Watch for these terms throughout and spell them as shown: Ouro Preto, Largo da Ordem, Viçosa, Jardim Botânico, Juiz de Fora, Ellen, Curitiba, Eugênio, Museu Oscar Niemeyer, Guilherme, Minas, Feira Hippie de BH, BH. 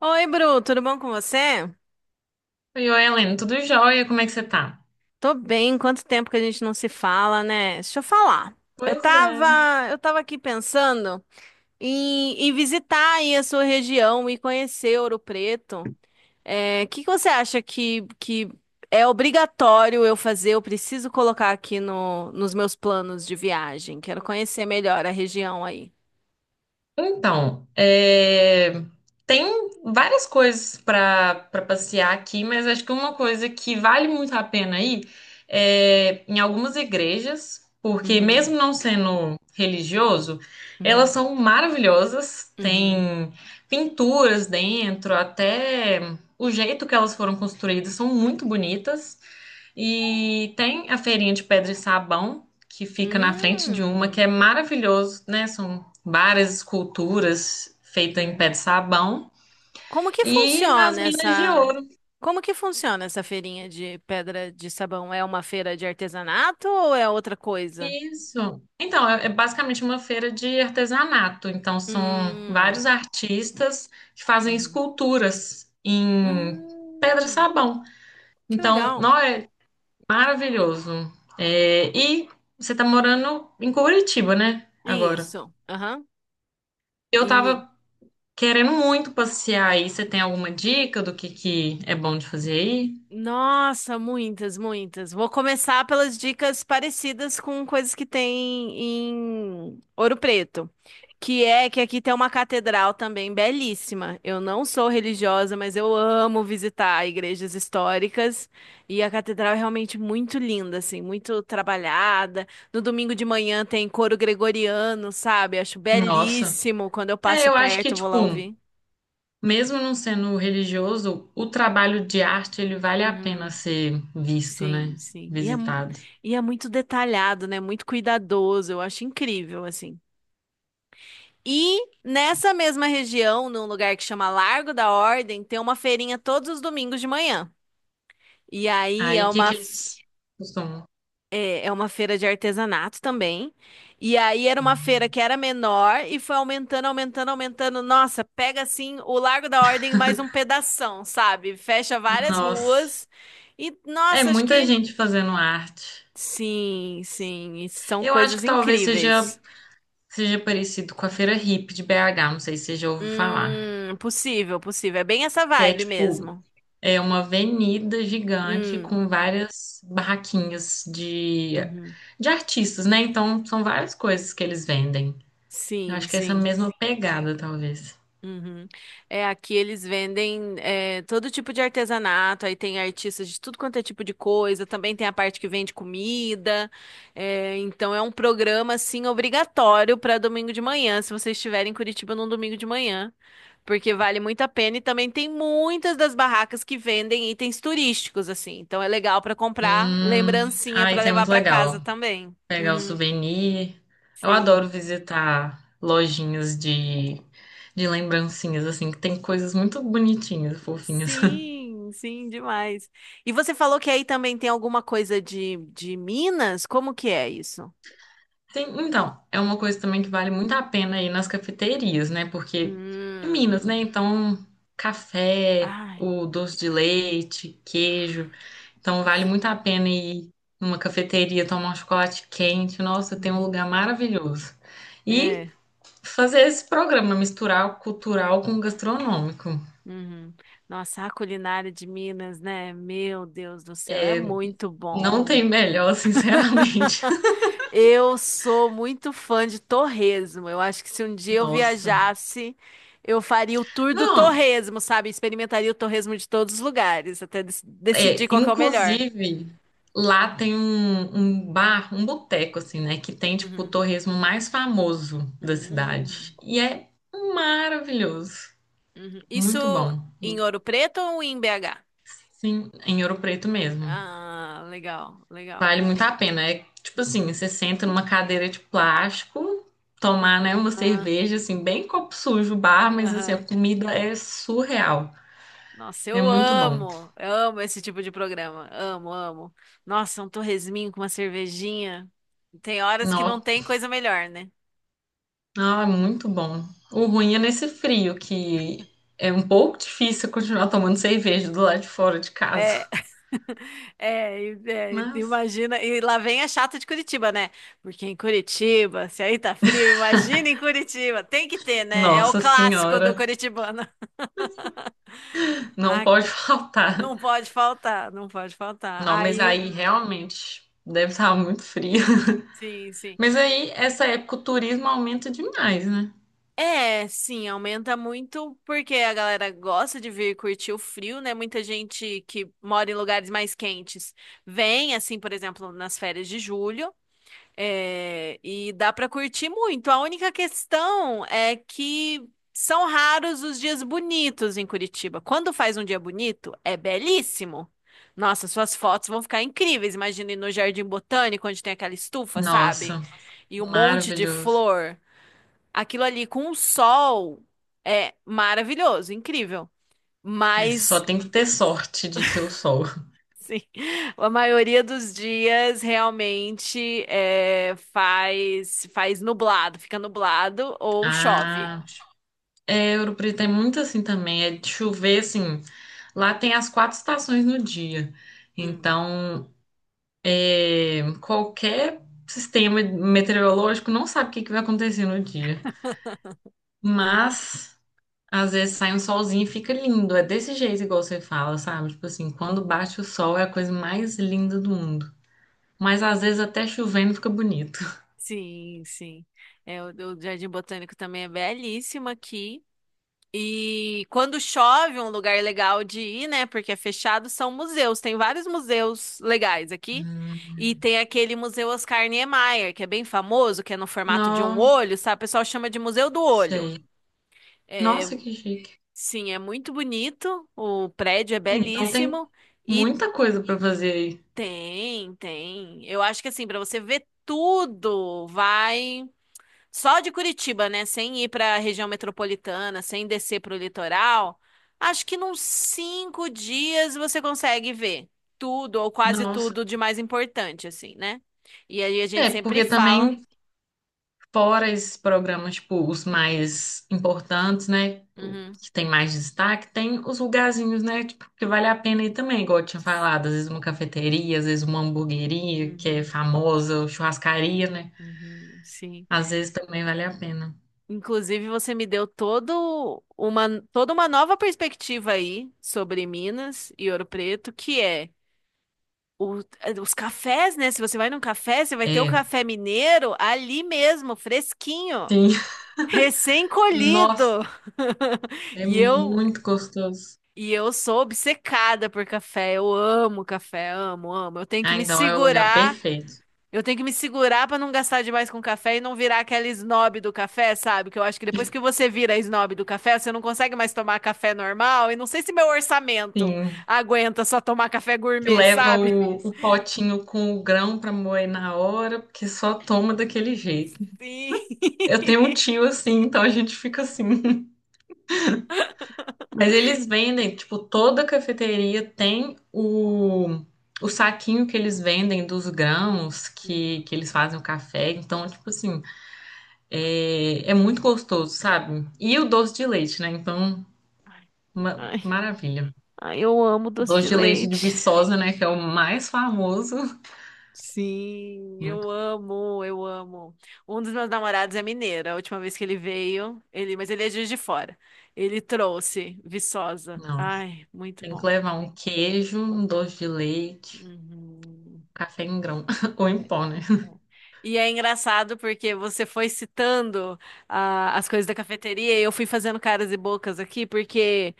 Oi, Bru, tudo bom com você? Oi, Ellen, tudo jóia? Como é que você tá? Tô bem, quanto tempo que a gente não se fala, né? Deixa eu falar. Eu Pois tava, é. eu tava aqui pensando em visitar aí a sua região e conhecer Ouro Preto. É, o que que você acha que é obrigatório eu fazer? Eu preciso colocar aqui no, nos meus planos de viagem. Quero conhecer melhor a região aí. Então, é, tem várias coisas para passear aqui, mas acho que uma coisa que vale muito a pena ir é em algumas igrejas, porque Uhum, mesmo não sendo religioso, elas uhum, são maravilhosas, uhum. tem pinturas dentro, até o jeito que elas foram construídas são muito bonitas. E tem a feirinha de pedra e sabão, que fica na frente de uma, que Hum, é maravilhoso, né? Várias esculturas feitas em pé uhum. de sabão Como que e nas funciona minas de essa? ouro. Como que funciona essa feirinha de pedra de sabão? É uma feira de artesanato ou é outra coisa? Isso. Então, é basicamente uma feira de artesanato. Então, são Hum, vários artistas que fazem uhum. esculturas em pedra e Hum, sabão. que Então, legal. não é maravilhoso. Uhum. É, e você está morando em Curitiba, né? Agora. Isso. Aham. Eu tava querendo muito passear aí. Você tem alguma dica do que é bom de fazer aí? Nossa, muitas, muitas. Vou começar pelas dicas parecidas com coisas que tem em Ouro Preto, que é que aqui tem uma catedral também belíssima. Eu não sou religiosa, mas eu amo visitar igrejas históricas e a catedral é realmente muito linda, assim, muito trabalhada. No domingo de manhã tem coro gregoriano, sabe? Acho Nossa. belíssimo. Quando eu É, passo eu acho que, perto, eu vou tipo, lá ouvir. mesmo não sendo religioso, o trabalho de arte, ele vale a pena Uhum. ser visto, né? Sim, sim. Visitado. E é muito detalhado, né? Muito cuidadoso. Eu acho incrível, assim. E nessa mesma região, num lugar que chama Largo da Ordem, tem uma feirinha todos os domingos de manhã. E aí é Aí, o que uma, que f- eles costumam? É uma feira de artesanato também. E aí era uma feira que era menor e foi aumentando, aumentando, aumentando. Nossa, pega assim o Largo da Ordem mais um pedação, sabe? Fecha várias Nossa, ruas. E é nossa, acho muita que gente fazendo arte. sim, sim, e são Eu acho coisas que talvez seja, incríveis. seja parecido com a Feira Hippie de BH, não sei se você já ouviu falar. Possível, possível. É bem essa Que é, vibe tipo, mesmo. é uma avenida gigante Hum, com várias barraquinhas de, uhum. de artistas, né? Então, são várias coisas que eles vendem. Eu Sim, acho que é essa sim. mesma pegada, talvez. Uhum. É, aqui eles vendem todo tipo de artesanato, aí tem artistas de tudo quanto é tipo de coisa, também tem a parte que vende comida. É, então é um programa assim obrigatório para domingo de manhã, se vocês estiverem em Curitiba num domingo de manhã. Porque vale muito a pena e também tem muitas das barracas que vendem itens turísticos, assim. Então é legal para comprar lembrancinha para Isso é levar muito para casa legal. também. Pegar o Uhum, souvenir. Eu sim. adoro visitar lojinhas de lembrancinhas, assim, que tem coisas muito bonitinhas, fofinhas. Sim, sim, demais. E você falou que aí também tem alguma coisa de Minas? Como que é isso? Sim, então, é uma coisa também que vale muito a pena ir nas cafeterias, né? Porque em Minas, né? Hum. Então, café, Ai, o doce de leite, queijo. Então vale nossa. muito a pena ir numa cafeteria tomar um chocolate quente. Nossa, tem um Uhum. lugar maravilhoso. E É. fazer esse programa, misturar o cultural com o gastronômico. Uhum. Nossa, a culinária de Minas, né? Meu Deus do céu, é muito Não bom. tem melhor, sinceramente. Eu sou muito fã de torresmo. Eu acho que se um dia eu Nossa. viajasse, eu faria o tour do Não, torresmo, sabe? Experimentaria o torresmo de todos os lugares, até é, decidir qual que é o melhor. inclusive, lá tem um bar, um boteco, assim, né? Que tem, tipo, o Uhum. torresmo mais famoso da cidade. Hum, E é maravilhoso. uhum. Isso Muito bom. em Ouro Preto ou em BH? Sim, em Ouro Preto mesmo. Ah, legal, legal. Vale muito a pena. É tipo assim, você senta numa cadeira de plástico, tomar, né, uma Ah, cerveja, assim, bem copo sujo, bar, mas assim, a aham. comida é surreal. Nossa, É muito bom. Eu amo esse tipo de programa. Amo, amo. Nossa, um torresminho com uma cervejinha. Tem horas que não Nó, tem coisa melhor, né? nó, é muito bom. O ruim é nesse frio, que é um pouco difícil continuar tomando cerveja do lado de fora de É, casa. é, é, Mas, imagina, e lá vem a chata de Curitiba, né? Porque em Curitiba, se aí tá frio, imagina em Curitiba, tem que ter, né? É o nossa clássico do senhora, curitibano. não Ah, pode faltar. não pode faltar, não pode faltar. Não, mas Aí, aí realmente deve estar muito frio. sim, sim. Mas aí, essa época, o turismo aumenta demais, né? É, sim, aumenta muito porque a galera gosta de vir curtir o frio, né? Muita gente que mora em lugares mais quentes vem, assim, por exemplo, nas férias de julho. É, e dá para curtir muito. A única questão é que são raros os dias bonitos em Curitiba. Quando faz um dia bonito, é belíssimo. Nossa, suas fotos vão ficar incríveis. Imagina ir no Jardim Botânico, onde tem aquela estufa, sabe? Nossa, E um monte de maravilhoso. flor. Aquilo ali com o sol é maravilhoso, incrível. É, só Mas tem que ter sorte de ter o sol. sim, a maioria dos dias realmente é, faz nublado, fica nublado ou chove. Ah, é, Ouro Preto é muito assim também. É de chover, assim. Lá tem as quatro estações no dia. Hum, Então, qualquer sistema meteorológico não sabe o que que vai acontecer no dia. Mas, às vezes sai um solzinho e fica lindo. É desse jeito, igual você fala, sabe? Tipo assim, quando uhum. bate o sol é a coisa mais linda do mundo. Mas às vezes até chovendo fica bonito. Sim, sim. É, o Jardim Botânico também é belíssimo aqui. E quando chove, um lugar legal de ir, né? Porque é fechado, são museus. Tem vários museus legais aqui. E tem aquele Museu Oscar Niemeyer, que é bem famoso, que é no formato de um Não olho, sabe? O pessoal chama de Museu do Olho. sei. Nossa, que chique. Sim, é muito bonito, o prédio é Então tem belíssimo e muita coisa pra fazer aí. tem, tem. Eu acho que assim, para você ver tudo, vai só de Curitiba, né? Sem ir para a região metropolitana, sem descer para o litoral. Acho que nos 5 dias você consegue ver tudo ou quase Nossa. tudo de mais importante, assim, né? E aí a É, gente sempre porque fala. também fora esses programas, tipo, os mais importantes, né? Uhum, Que tem mais destaque, tem os lugarzinhos, né? Tipo, que vale a pena ir também, igual eu tinha falado, às vezes uma cafeteria, às vezes uma hamburgueria, que é uhum, famosa, ou churrascaria, né? uhum, sim. Às vezes também vale a pena. Inclusive, você me deu toda uma nova perspectiva aí sobre Minas e Ouro Preto, que é os cafés, né? Se você vai num café, você vai ter o É, café mineiro ali mesmo, fresquinho, sim. Nossa, recém-colhido. é E eu, muito gostoso. e eu sou obcecada por café. Eu amo café, amo, amo. Eu tenho que Ah, me então é o lugar segurar. perfeito. Eu tenho que me segurar pra não gastar demais com café e não virar aquela snob do café, sabe? Que eu acho que depois que você vira snob do café, você não consegue mais tomar café normal. E não sei se meu orçamento Sim. aguenta só tomar café Que gourmet, leva sabe? O potinho com o grão para moer na hora, porque só toma daquele jeito. Sim. Eu tenho um tio assim, então a gente fica assim. Mas eles vendem, tipo, toda cafeteria tem o saquinho que eles vendem dos grãos que Hum. eles fazem o café. Então, tipo assim, é muito gostoso, sabe? E o doce de leite, né? Então, Ai, maravilha. ai, eu amo doce de Doce de leite de leite. Viçosa, né? Que é o mais famoso. Sim, Muito. eu amo, eu amo. Um dos meus namorados é mineiro. A última vez que ele veio, ele, mas ele é de Juiz de Fora. Ele trouxe Viçosa. Não. Ai, muito Tem que bom. levar um queijo, um doce de leite, um Uhum. café em grão, ou em pó, né? E é engraçado porque você foi citando ah, as coisas da cafeteria e eu fui fazendo caras e bocas aqui, porque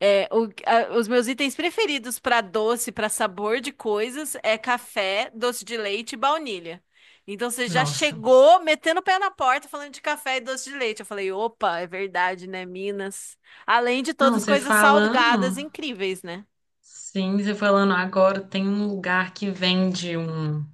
é, os meus itens preferidos para doce, para sabor de coisas, é café, doce de leite e baunilha. Então você já Nossa. chegou metendo o pé na porta falando de café e doce de leite. Eu falei, opa, é verdade, né, Minas? Além de todas Não, as você coisas salgadas falando, incríveis, né? sim, você falando agora, tem um lugar que vende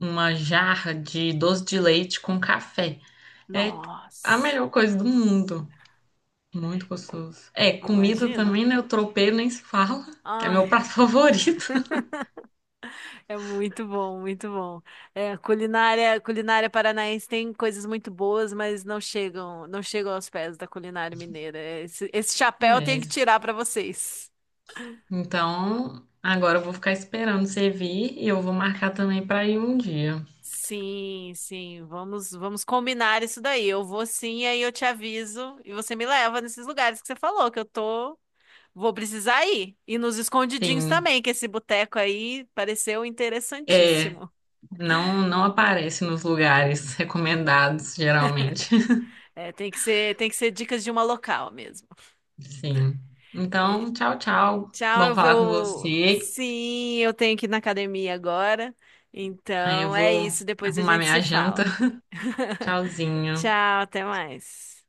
uma jarra de doce de leite com café. É a Nossa, melhor coisa do mundo. Muito gostoso. É, comida imagina. também, né? O tropeiro nem se fala. É meu Ai. prato favorito. É muito bom, muito bom. É, culinária, culinária paranaense tem coisas muito boas, mas não chegam, não chegam aos pés da culinária mineira. Esse chapéu eu tenho que É. tirar para vocês. Então, agora eu vou ficar esperando você vir e eu vou marcar também pra ir um dia. Sim, sim, vamos, vamos combinar isso daí. Eu vou sim, aí eu te aviso e você me leva nesses lugares que você falou que vou precisar ir. E nos escondidinhos Sim. também, que esse boteco aí pareceu É. interessantíssimo. Não, não aparece nos lugares recomendados, geralmente. É, tem que ser dicas de uma local mesmo. Sim. É, Então, tchau, tchau. tchau, Bom eu falar com vou. você. Sim, eu tenho que ir na academia agora. Aí eu Então é vou isso, depois a arrumar gente minha se janta. fala. Tchauzinho. Tchau, até mais.